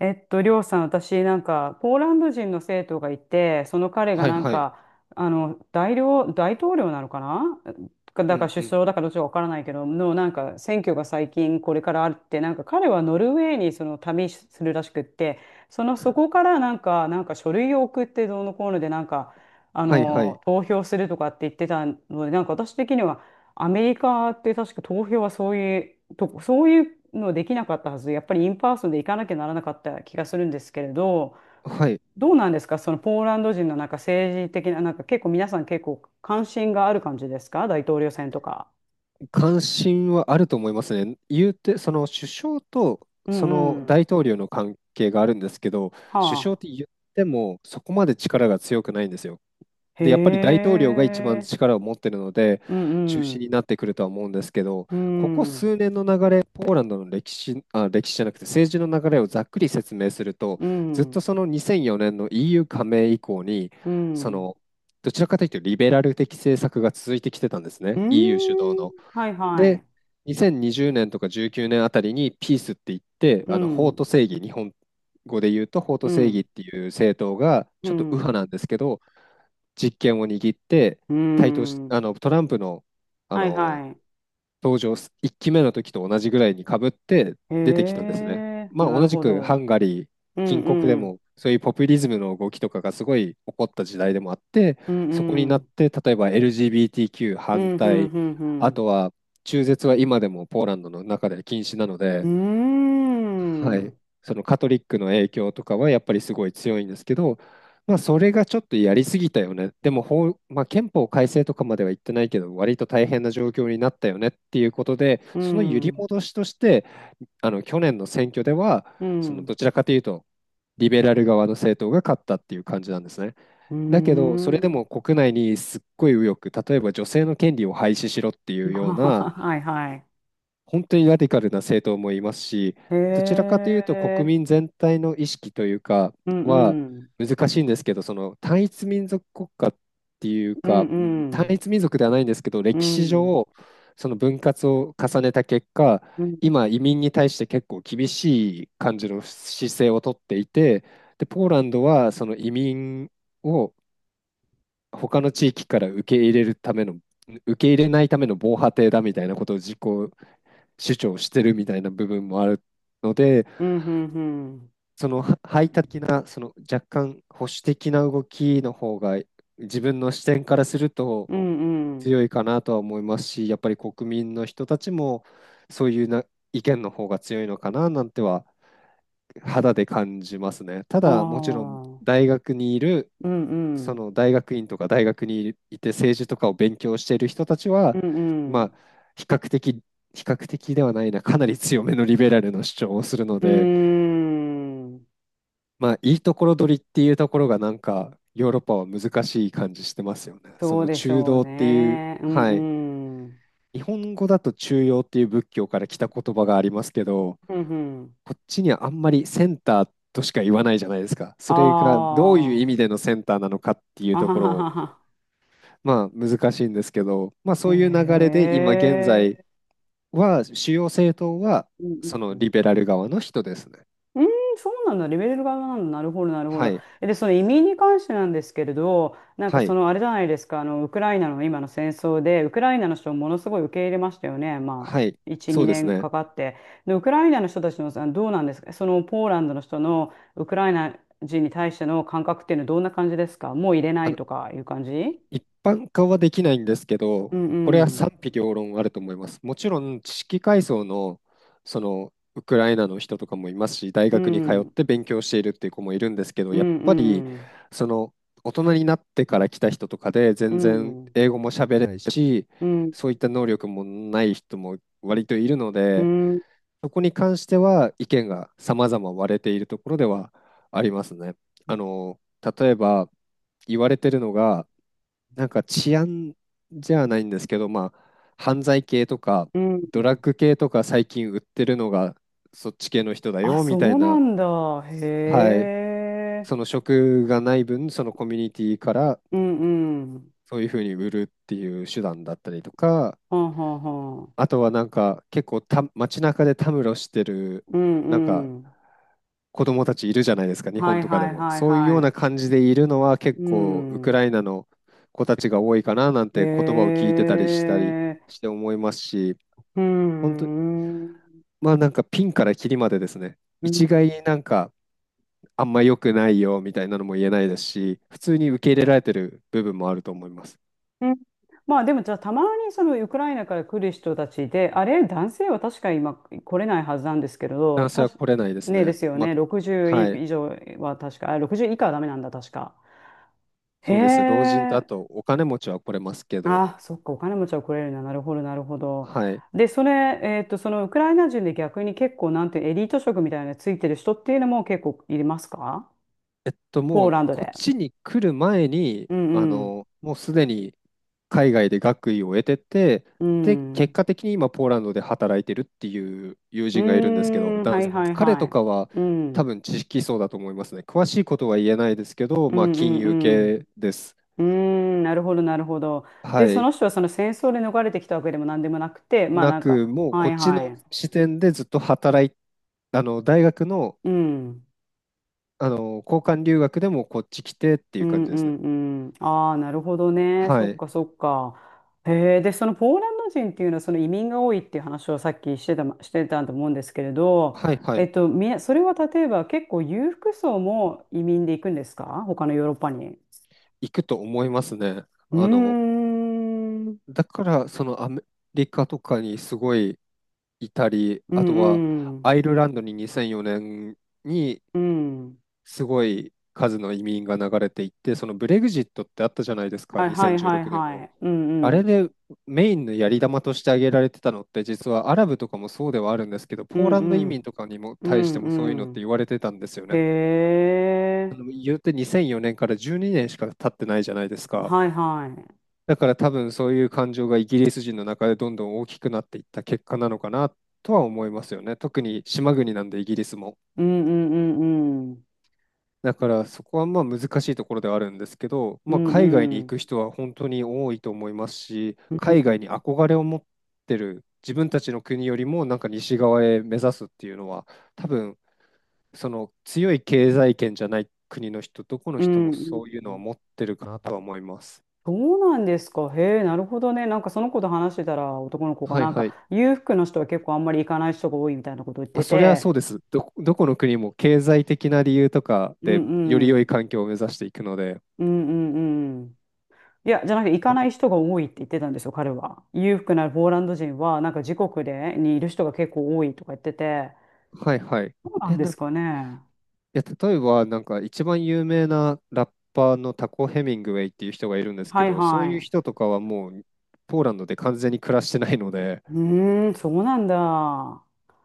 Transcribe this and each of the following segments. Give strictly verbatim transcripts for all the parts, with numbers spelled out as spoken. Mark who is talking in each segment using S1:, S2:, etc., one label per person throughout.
S1: えっと、りょうさん、私、なんか、ポーランド人の生徒がいて、その彼が
S2: はい
S1: なん
S2: はい。
S1: か、あの、大領、大統領なのかな、か、だ
S2: う
S1: から
S2: ん
S1: 首
S2: うん。
S1: 相だから、どっちかわからないけど、の、なんか、選挙が最近これからあるって、なんか彼はノルウェーにその旅するらしくって、その、そこからなんか、なんか書類を送ってどうのこうので、なんか、あ
S2: はいは
S1: の、
S2: い。
S1: 投票するとかって言ってたので、なんか私的には、アメリカって確か投票はそういう、とこ、そういうのできなかったはず、やっぱりインパーソンで行かなきゃならなかった気がするんですけれど、
S2: はい。
S1: どうなんですか、そのポーランド人のなんか政治的な、なんか結構皆さん結構関心がある感じですか、大統領選とか。
S2: 関心はあると思いますね。言うて、その首相と
S1: うん
S2: そ
S1: う
S2: の
S1: ん。
S2: 大統領の関係があるんですけど、
S1: は
S2: 首相って
S1: あ。
S2: 言ってもそこまで力が強くないんですよ。
S1: へ
S2: で、やっぱり大統領が一番
S1: え。
S2: 力を持ってるので、
S1: う
S2: 中
S1: んう
S2: 心
S1: ん。
S2: になってくるとは思うんですけど、
S1: う
S2: ここ
S1: ん。
S2: 数年の流れ、ポーランドの歴史、あ、歴史じゃなくて政治の流れをざっくり説明すると、
S1: う
S2: ずっと
S1: ん。
S2: そのにせんよねんの イーユー 加盟以降に、
S1: う
S2: そ
S1: ん。
S2: の、どちらかというとリベラル的政策が続いてきてたんです
S1: う
S2: ね、
S1: ー
S2: イーユー 主導
S1: ん。
S2: の。
S1: はいは
S2: で、
S1: い。
S2: にせんにじゅうねんとかじゅうきゅうねんあたりにピースって言って、
S1: う
S2: あの法
S1: ん。
S2: と正義、日本語で言うと法と
S1: う
S2: 正義
S1: ん。
S2: っていう政党が、
S1: う
S2: ちょっと右派
S1: ん。
S2: なんですけど、実権を握って
S1: う
S2: 台頭し、
S1: ん。
S2: あのトランプの、あ
S1: はい
S2: の
S1: はい。
S2: 登場す、いっきめの時と同じぐらいにかぶって
S1: へ
S2: 出てきたんですね。
S1: え、
S2: まあ、
S1: な
S2: 同
S1: る
S2: じ
S1: ほ
S2: くハ
S1: ど。
S2: ンガリー、
S1: うん
S2: 近国で
S1: うん。
S2: もそういうポピュリズムの動きとかがすごい起こった時代でもあって、
S1: うん
S2: そこに
S1: う
S2: なっ
S1: ん。
S2: て例えば エルジービーティーキュー
S1: う
S2: 反
S1: んうん
S2: 対、
S1: う
S2: あと
S1: ん
S2: は中絶は今でもポーランドの中で禁止なの
S1: う
S2: で、は
S1: ん。うー
S2: い、
S1: ん。
S2: そのカトリックの影響とかはやっぱりすごい強いんですけど、まあ、それがちょっとやりすぎたよね、でも法、まあ、憲法改正とかまでは言ってないけど、割と大変な状況になったよねっていうことで、
S1: う
S2: その揺り
S1: ん。
S2: 戻しとして、あの去年の選挙では、
S1: う
S2: その
S1: ん。
S2: どちらかというと、リベラル側の政党が勝ったっていう感じなんですね。
S1: うー
S2: だけど、それで
S1: ん。
S2: も国内にすっごい右翼、例えば女性の権利を廃止しろっていう ような
S1: はいはい。
S2: 本当にラディカルな政党もいますし、
S1: へ
S2: どちらかというと国
S1: え。
S2: 民全体の意識というか
S1: うん
S2: は
S1: うん。
S2: 難しいんですけど、その単一民族国家っていう
S1: うん
S2: か、うん
S1: う
S2: 単
S1: ん。
S2: 一民族ではないんですけど、
S1: う
S2: 歴史
S1: ん。
S2: 上、その分割を重ねた結果、
S1: うん。
S2: 今、移民に対して結構厳しい感じの姿勢をとっていて、で、ポーランドはその移民を他の地域から受け入れるための、受け入れないための防波堤だみたいなことを自己主張してるみたいな部分もあるので、
S1: うんうんうん。
S2: そのは排他的な、その若干保守的な動きの方が自分の視点からすると
S1: うんうん。
S2: 強いかなとは思いますし、やっぱり国民の人たちもそういうな意見の方が強いのかななんては肌で感じますね。た
S1: あ
S2: だ、もちろん
S1: あ。
S2: 大学にいる
S1: うんう
S2: そ
S1: ん。
S2: の大学院とか大学にいて政治とかを勉強している人たち
S1: う
S2: は、
S1: んう
S2: まあ、
S1: ん
S2: 比較的、比較的ではないな、かなり強めのリベラルの主張をす
S1: うんうんうんうんうんうんうああーうんうんうんう
S2: るので、
S1: んうーん。
S2: まあ、いいところ取りっていうところが、なんか、ヨーロッパは難しい感じしてますよね。そ
S1: そう
S2: の
S1: でし
S2: 中
S1: ょう
S2: 道っていう、
S1: ね。うん
S2: はい。
S1: うん。
S2: 日本語だと中庸っていう仏教から来た言葉がありますけど、
S1: うん、
S2: こっちにはあんまりセンターとしか言わないじゃないですか。
S1: あ
S2: それがどういう意味
S1: あ、
S2: でのセンターなのかって いう
S1: あ
S2: と
S1: は
S2: ころ
S1: は
S2: を
S1: はは。
S2: まあ難しいんですけど、まあ
S1: へ
S2: そういう流れで今現在
S1: え、
S2: は主要政党は
S1: うん
S2: そ
S1: う
S2: の
S1: ん
S2: リベラル側の人ですね。
S1: うん。うーん、そうなんだ。レベルがなんだ。なるほど、なるほ
S2: は
S1: ど。
S2: い。
S1: えで、その移民に関してなんですけれど、なんか
S2: は
S1: そ
S2: い。
S1: のあれじゃないですか、あの、ウクライナの今の戦争で、ウクライナの人をものすごい受け入れましたよね。ま
S2: はい。
S1: あ、いち、
S2: そうで
S1: 2
S2: す
S1: 年
S2: ね。
S1: かかって。で、ウクライナの人たちの、あのどうなんですか、そのポーランドの人のウクライナ人に対しての感覚っていうのはどんな感じですか、もう入れない
S2: あ、
S1: とかいう感じ？
S2: 一般化はできないんですけ
S1: う
S2: ど、
S1: ん
S2: これ
S1: う
S2: は
S1: ん。
S2: 賛否両論あると思います。もちろん知識階層の、そのウクライナの人とかもいますし、大
S1: う
S2: 学に通っ
S1: ん。
S2: て勉強しているっていう子もいるんですけど、
S1: う
S2: やっ
S1: ん
S2: ぱり
S1: うん。
S2: その大人になってから来た人とかで
S1: う
S2: 全然
S1: ん、
S2: 英語も喋れないし、
S1: うん、
S2: そういった能力もない人も割といるの
S1: う
S2: で、
S1: ん、
S2: そこに関しては意見が様々割れているところではありますね。あの、例えば言われてるのが、なんか治安じゃないんですけど、まあ、犯罪系とか、
S1: う
S2: ドラッ
S1: ん、
S2: グ系とか最近売ってるのがそっち系の人だ
S1: あ、
S2: よみ
S1: そ
S2: たい
S1: うな
S2: な、
S1: んだ。へ
S2: はい、
S1: え。
S2: その職がない分、そのコミュニティから
S1: うん、うん、
S2: そういうふうに売るっていう手段だったりとか、
S1: はんはんはん。
S2: あとはなんか結構た街中でたむろしてる
S1: う
S2: なんか
S1: ん、うん、
S2: 子供たちいるじゃないですか、日
S1: は
S2: 本
S1: い
S2: とかで
S1: はい
S2: も。
S1: はい
S2: そういうよ
S1: は
S2: うな
S1: い、
S2: 感じでいるのは結
S1: う
S2: 構ウク
S1: ん、
S2: ライナの子たちが多いかななん
S1: へ
S2: て言葉を聞いてたりしたり
S1: え。
S2: して思いますし、
S1: う
S2: 本当、
S1: ん、うん、
S2: まあなんかピンからキリまでですね、
S1: う
S2: 一概になんかあんま良くないよみたいなのも言えないですし、普通に受け入れられてる部分もあると思います。
S1: ん。まあでもじゃあ、たまにそのウクライナから来る人たちで、あれ、男性は確か今来れないはずなんですけれど、
S2: 男性
S1: た
S2: は
S1: し、
S2: 来れないです
S1: ねで
S2: ね。
S1: すよ
S2: ま
S1: ね、ろくじゅう
S2: あ、はい。
S1: 以上は確か、あ、ろくじゅう以下はダメなんだ、確か。へ
S2: そうです。老人とあ
S1: え、
S2: とお金持ちは来れますけど、
S1: あ、そっか、お金持ちは来れるな、なるほど、なるほど。
S2: はい。
S1: で、それ、えっと、そのウクライナ人で逆に結構、なんていうエリート職みたいなのついてる人っていうのも結構いますか？
S2: えっと、
S1: ポー
S2: も
S1: ラ
S2: う
S1: ンド
S2: こっ
S1: で。
S2: ちに来る前に、
S1: う
S2: あ
S1: んうん。
S2: の、もうすでに海外で学位を得てて、
S1: う
S2: で、結
S1: ん。
S2: 果的に今ポーランドで働いてるっていう友
S1: うー
S2: 人がいるんですけど、
S1: ん、
S2: 男
S1: は
S2: 性
S1: い
S2: の
S1: はい
S2: 彼
S1: は
S2: と
S1: い。
S2: かは
S1: う
S2: 多
S1: ん。
S2: 分知識層だと思いますね。詳しいことは言えないですけど、
S1: う
S2: まあ
S1: んう
S2: 金融
S1: ん
S2: 系です。
S1: うん。うーん、なるほど、なるほど。
S2: は
S1: で、そ
S2: い。
S1: の人はその戦争で逃れてきたわけでも何でもなくて、まあ
S2: な
S1: なん
S2: く、
S1: か、
S2: もう
S1: は
S2: こっ
S1: い
S2: ちの
S1: はい。
S2: 視点でずっと働い、あの、大学の
S1: うん。
S2: あの、交換留学でもこっち来てってい
S1: う
S2: う感
S1: ん
S2: じ
S1: う
S2: ですね。
S1: んうん。ああ、なるほどね。
S2: は
S1: そっ
S2: い。
S1: かそっか。へえ、で、そのポーランド人っていうのはその移民が多いっていう話をさっきしてた、ま、してたと思うんですけれど、
S2: はいは
S1: え
S2: い。
S1: っと、み、それは例えば結構裕福層も移民で行くんですか？他のヨーロッパに。
S2: 行くと思いますね。
S1: うー
S2: あの、
S1: ん。うん
S2: だから、そのアメリカとかにすごいいたり、
S1: う
S2: あとはアイ
S1: ん
S2: ルランドににせんよねんに
S1: うん。
S2: すごい数の移民が流れていって、そのブレグジットってあったじゃないですか、
S1: はいはい
S2: 2016
S1: はい
S2: 年
S1: は
S2: の。
S1: い。うん
S2: あ
S1: う
S2: れ
S1: ん。
S2: でメインのやり玉として挙げられてたのって、実はアラブとかもそうではあるんですけど、
S1: う
S2: ポー
S1: ん
S2: ラ
S1: う
S2: ンド移民
S1: ん。
S2: とかにも
S1: う
S2: 対してもそういうのっ
S1: んう
S2: て
S1: ん。
S2: 言われてたんですよ
S1: へ
S2: ね。
S1: え。
S2: 言うてにせんよねんからじゅうにねんしか経ってないじゃないですか。
S1: はいはい。
S2: だから多分そういう感情がイギリス人の中でどんどん大きくなっていった結果なのかなとは思いますよね。特に島国なんでイギリスも。
S1: うんうんうんうん。
S2: だからそこはまあ難しいところではあるんですけど、
S1: う
S2: まあ、
S1: ん
S2: 海外に
S1: う
S2: 行
S1: ん。
S2: く人は本当に多いと思いますし、
S1: う
S2: 海
S1: ん
S2: 外に憧れを持ってる自分たちの国よりもなんか西側へ目指すっていうのは多分その強い経済圏じゃない国の人、どこの
S1: う
S2: 人も
S1: ん
S2: そういう
S1: う
S2: のは
S1: ん。
S2: 持ってるかなとは思います。
S1: そうなんですか。へえ、なるほどね。なんかその子と話してたら、男の子が
S2: はい
S1: なん
S2: はい。
S1: か裕福の人は結構あんまり行かない人が多いみたいなこと言っ
S2: まあ、
S1: て
S2: そりゃ
S1: て。
S2: そうです。ど、どこの国も経済的な理由とか
S1: う
S2: で
S1: ん
S2: より
S1: う
S2: 良い
S1: ん。
S2: 環境を目指していくので。
S1: うんうんうん。いや、じゃなくて行か
S2: はい
S1: ない人が多いって言ってたんですよ、彼は。裕福なポーランド人はなんか自国でにいる人が結構多いとか言ってて。
S2: はいはい。
S1: そうなん
S2: え、
S1: で
S2: な、い
S1: すかね。
S2: や、例えばなんか一番有名なラッパーのタコ・ヘミングウェイっていう人がいるんですけ
S1: はい
S2: ど、そう
S1: は
S2: いう
S1: い。
S2: 人とかはもうポーランドで完全に暮らしてないので、
S1: うーん、そうなんだ。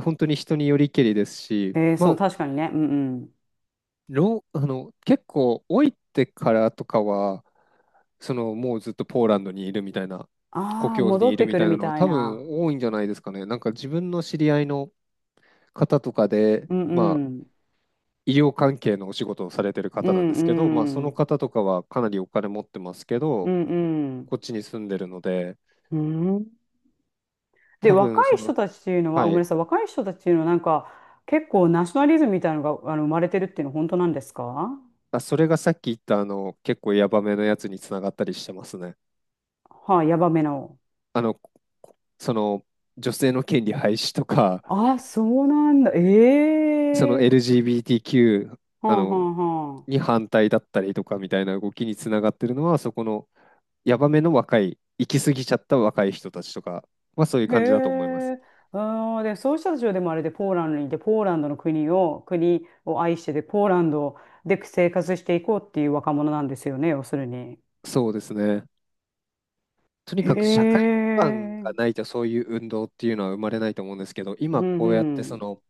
S2: 本当に人によりけりですし、
S1: えー、
S2: ま
S1: そう、
S2: あ
S1: 確かにね。うんうん。
S2: ロー、あの、結構老いてからとかは、そのもうずっとポーランドにいるみたいな、故
S1: ああ、
S2: 郷に
S1: 戻っ
S2: いる
S1: て
S2: み
S1: くる
S2: たいな
S1: み
S2: のが
S1: たい
S2: 多
S1: な。
S2: 分多いんじゃないですかね。なんか自分の知り合いの方とかで、
S1: うん
S2: ま
S1: う
S2: あ、
S1: ん
S2: 医療関係のお仕事をされてる
S1: う
S2: 方なんですけど、まあ、
S1: ん
S2: そ
S1: う
S2: の
S1: ん
S2: 方とかはかなりお金持ってますけ
S1: う
S2: ど、
S1: ん
S2: こっちに住んでるので、
S1: うんうん。で、
S2: 多
S1: 若
S2: 分
S1: い
S2: その、
S1: 人たちっていうのは、あ
S2: は
S1: ごめんな
S2: い、
S1: さい、若い人たちっていうのはなんか結構ナショナリズムみたいなのがあの生まれてるっていうのは本当なんですか？
S2: あ、それがさっき言ったあの結構ヤバめのやつにつながったりしてますね。
S1: はい、ヤバめの。
S2: あの、こその女性の権利廃止とか、
S1: あ、そうなんだ。え
S2: その
S1: え
S2: エルジービーティーキュー
S1: は
S2: あ
S1: あは
S2: の
S1: あは
S2: に反対だったりとかみたいな動きにつながってるのは、そこのヤバめの若い、行き過ぎちゃった若い人たちとかはそういう
S1: あ。へ
S2: 感じだと思います。
S1: え。あー、で、そういう人たちはでもあれで、ポーランドにいて、ポーランドの国を、国を愛してで、ポーランドで生活していこうっていう若者なんですよね、要するに。
S2: そうですね。とに
S1: へ
S2: かく社会基盤が
S1: え。
S2: ないとそういう運動っていうのは生まれないと思うんですけど、
S1: う
S2: 今
S1: ん、
S2: こうやって
S1: う
S2: そ
S1: ん、
S2: の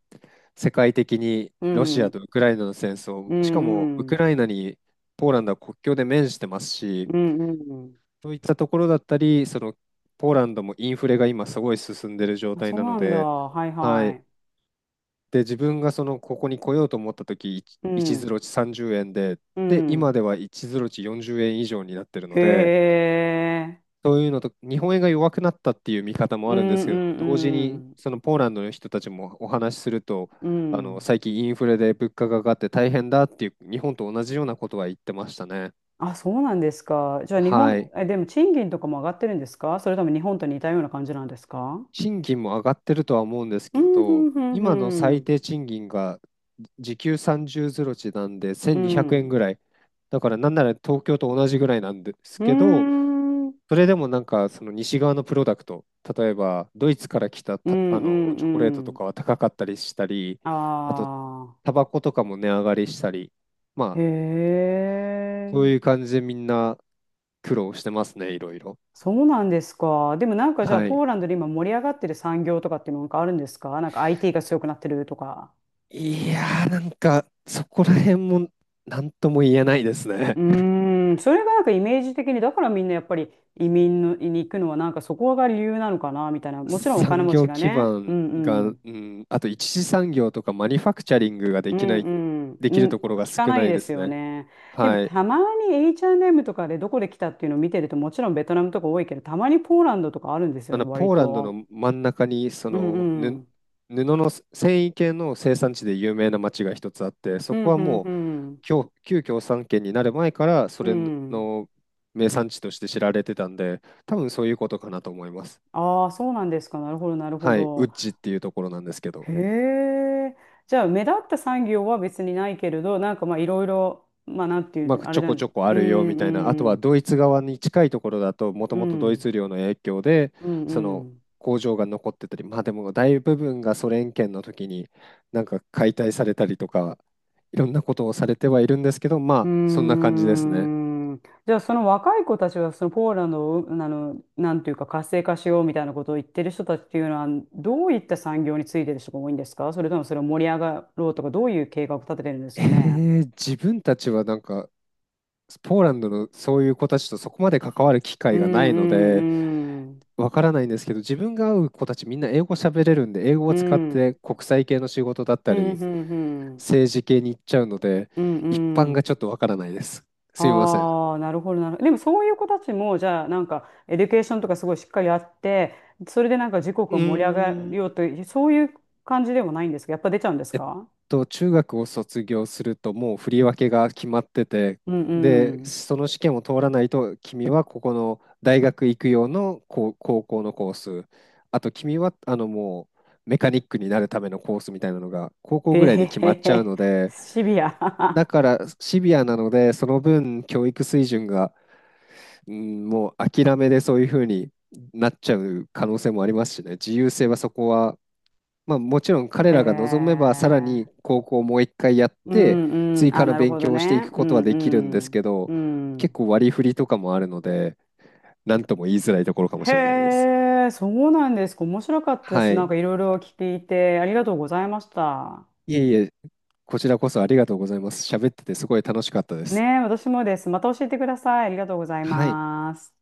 S2: 世界的に
S1: う
S2: ロシア
S1: ん、
S2: とウクライナの戦争、
S1: う
S2: しかもウ
S1: ん、う
S2: ク
S1: ん、
S2: ライナにポーランドは国境で面してますし、
S1: うん。うん、
S2: そういったところだったり、そのポーランドもインフレが今すごい進んでる状
S1: あ、
S2: 態
S1: そう
S2: なの
S1: なんだ。
S2: で、
S1: はい
S2: は
S1: は
S2: い。
S1: い。
S2: で、自分がその、ここに来ようと思った時、1
S1: う
S2: 一ゼ
S1: ん、
S2: ロ値さんじゅうえんで、
S1: う
S2: で、今
S1: ん。
S2: ではいちゼロ値よんじゅうえん以上になってるの
S1: へ
S2: で、
S1: え。
S2: そういうのと、日本円が弱くなったっていう見方も
S1: う
S2: あ
S1: ん、
S2: るんで
S1: う
S2: す
S1: ん、
S2: けど、
S1: う
S2: 同時に、
S1: ん。
S2: そのポーランドの人たちもお話しすると、
S1: う
S2: あの、
S1: ん。
S2: 最近インフレで物価が上がって大変だっていう、日本と同じようなことは言ってましたね。
S1: あ、そうなんですか。じゃあ日
S2: は
S1: 本、
S2: い。
S1: え、でも賃金とかも上がってるんですか？それとも日本と似たような感じなんですか？
S2: 賃金も上がってるとは思うんです
S1: う
S2: け
S1: ん、う
S2: ど、
S1: ん、うん、
S2: 今の
S1: う
S2: 最
S1: ん。
S2: 低賃金が時給さんじゅうゼロ値なんで
S1: う
S2: せんにひゃくえん
S1: ん、
S2: ぐらい。だからなんなら東京と同じぐらいなんです
S1: う
S2: けど、
S1: ん、うん、
S2: それでもなんかその西側のプロダクト、例えばドイツから来た、
S1: う
S2: たあ
S1: ん。
S2: のチョコレート
S1: う
S2: と
S1: ん、
S2: かは高かったりしたり、
S1: あ
S2: あとタバコとかも値上がりしたり、ま
S1: あ、へ
S2: あそう
S1: え。
S2: いう感じでみんな苦労してますね、いろいろ。
S1: そうなんですか。でもなんかじゃあ、
S2: は
S1: ポ
S2: い。
S1: ーランドで今盛り上がってる産業とかっていうのなんかあるんですか？なんか アイティー が強くなってるとか。
S2: いやー、なんか、そこら辺も、何とも言えないです
S1: う
S2: ね。
S1: ーん、それがなんかイメージ的に、だからみんなやっぱり移民のに行くのはなんかそこが理由なのかなみたいな。もちろんお金
S2: 産
S1: 持ち
S2: 業
S1: が
S2: 基
S1: ね。う
S2: 盤
S1: んう
S2: が、
S1: ん。
S2: うん、あと一次産業とかマニュファクチャリングがで
S1: うん
S2: きない、
S1: うん。
S2: で
S1: う
S2: きると
S1: ん、
S2: ころが
S1: 聞か
S2: 少
S1: な
S2: な
S1: い
S2: い
S1: で
S2: で
S1: す
S2: す
S1: よ
S2: ね。
S1: ね。でも
S2: はい。
S1: たまに エイチアンドエム とかでどこで来たっていうのを見てると、もちろんベトナムとか多いけど、たまにポーランドとかあるんです
S2: あ
S1: よね、
S2: の、
S1: 割
S2: ポーランド
S1: と。
S2: の真ん中に、そ
S1: うん
S2: の、
S1: う
S2: ぬ、
S1: ん。
S2: 布の繊維系の生産地で有名な町が一つあって、そ
S1: うん
S2: こは
S1: うん
S2: も
S1: う
S2: う、
S1: ん。
S2: 旧、旧共産圏になる前から、そ
S1: う
S2: れ
S1: ん。
S2: の名産地として知られてたんで、多分そういうことかなと思います。
S1: ああ、そうなんですか。なるほど、なるほ
S2: はい、ウ
S1: ど。
S2: ッジっていうところなんですけど、
S1: へえ。じゃあ、目立った産業は別にないけれど、なんかまあ、いろいろ、まあ、なんていう
S2: ま
S1: の、
S2: あ、
S1: あ
S2: ち
S1: れ
S2: ょ
S1: な
S2: こ
S1: んで
S2: ちょ
S1: す。
S2: こあ
S1: う
S2: るよ
S1: ん、
S2: みたいな、あと
S1: う
S2: は
S1: ん、
S2: ドイツ側に近いところだと、もと
S1: う
S2: もとドイ
S1: ん、
S2: ツ領の影響で、
S1: うん、
S2: そ
S1: う
S2: の
S1: ん。
S2: 工場が残ってたり、まあでも大部分がソ連圏の時になんか解体されたりとか、いろんなことをされてはいるんですけど、
S1: う
S2: まあそんな
S1: ー
S2: 感じですね。
S1: ん。じゃあ、その若い子たちは、そのポーランドを、あの、なんていうか、活性化しようみたいなことを言ってる人たちっていうのは、どういった産業についてる人が多いんですか？それともそれを盛り上がろうとか、どういう計画を立ててるんです
S2: え
S1: かね。
S2: ー、自分たちはなんか、ポーランドのそういう子たちとそこまで関わる機
S1: う
S2: 会
S1: ん、う
S2: がないので、
S1: ん、うん、
S2: わからないんですけど、自分が会う子たちみんな英語喋れるんで、英語
S1: う
S2: を使っ
S1: ん。
S2: て国際系の仕事だっ
S1: う
S2: た
S1: ん、
S2: り、
S1: うん、うん。
S2: 政治系に行っちゃうので、
S1: うん
S2: 一
S1: う
S2: 般が
S1: ん。
S2: ちょっとわからないです。すみません。
S1: ああ、なるほど、なるほど。でもそういう子たちも、じゃあ、なんか、エデュケーションとかすごいしっかりやって、それでなんか時刻
S2: う
S1: を
S2: ー
S1: 盛り上がる
S2: ん、
S1: ようという、そういう感じでもないんですか？やっぱ出ちゃうんです
S2: えっ
S1: か？
S2: と、中学を卒業するともう振り分けが決まってて、
S1: うん
S2: で、
S1: うん。
S2: その試験を通らないと、君はここの大学行く用のこう高校のコース、あと君はあのもうメカニックになるためのコースみたいなのが高校
S1: へ
S2: ぐらい
S1: へ
S2: で決
S1: へ
S2: まっちゃう
S1: へ。
S2: ので、
S1: シビ
S2: だ
S1: ア。
S2: からシビアなので、その分教育水準が、うん、もう諦めでそういうふうになっちゃう可能性もありますしね、自由性はそこは、まあ、もちろん 彼
S1: へ
S2: らが望めばさら
S1: え。
S2: に高校をもう一回やっ
S1: う
S2: て、
S1: んう
S2: 追
S1: ん。
S2: 加
S1: あ、
S2: の
S1: なる
S2: 勉
S1: ほど
S2: 強をしてい
S1: ね。
S2: く
S1: う
S2: ことはできるんです
S1: ん
S2: け
S1: う
S2: ど、
S1: ん。う
S2: 結
S1: ん。
S2: 構割り振りとかもあるので、何とも言いづらいところかもしれないです。
S1: へえ、そうなんですか。面白かったです。
S2: は
S1: なん
S2: い。
S1: かいろいろ聞いて、ありがとうございました。
S2: いえいえ、こちらこそありがとうございます。喋っててすごい楽しかったで
S1: ね
S2: す。
S1: え、私もです。また教えてください。ありがとうござい
S2: はい。
S1: ます。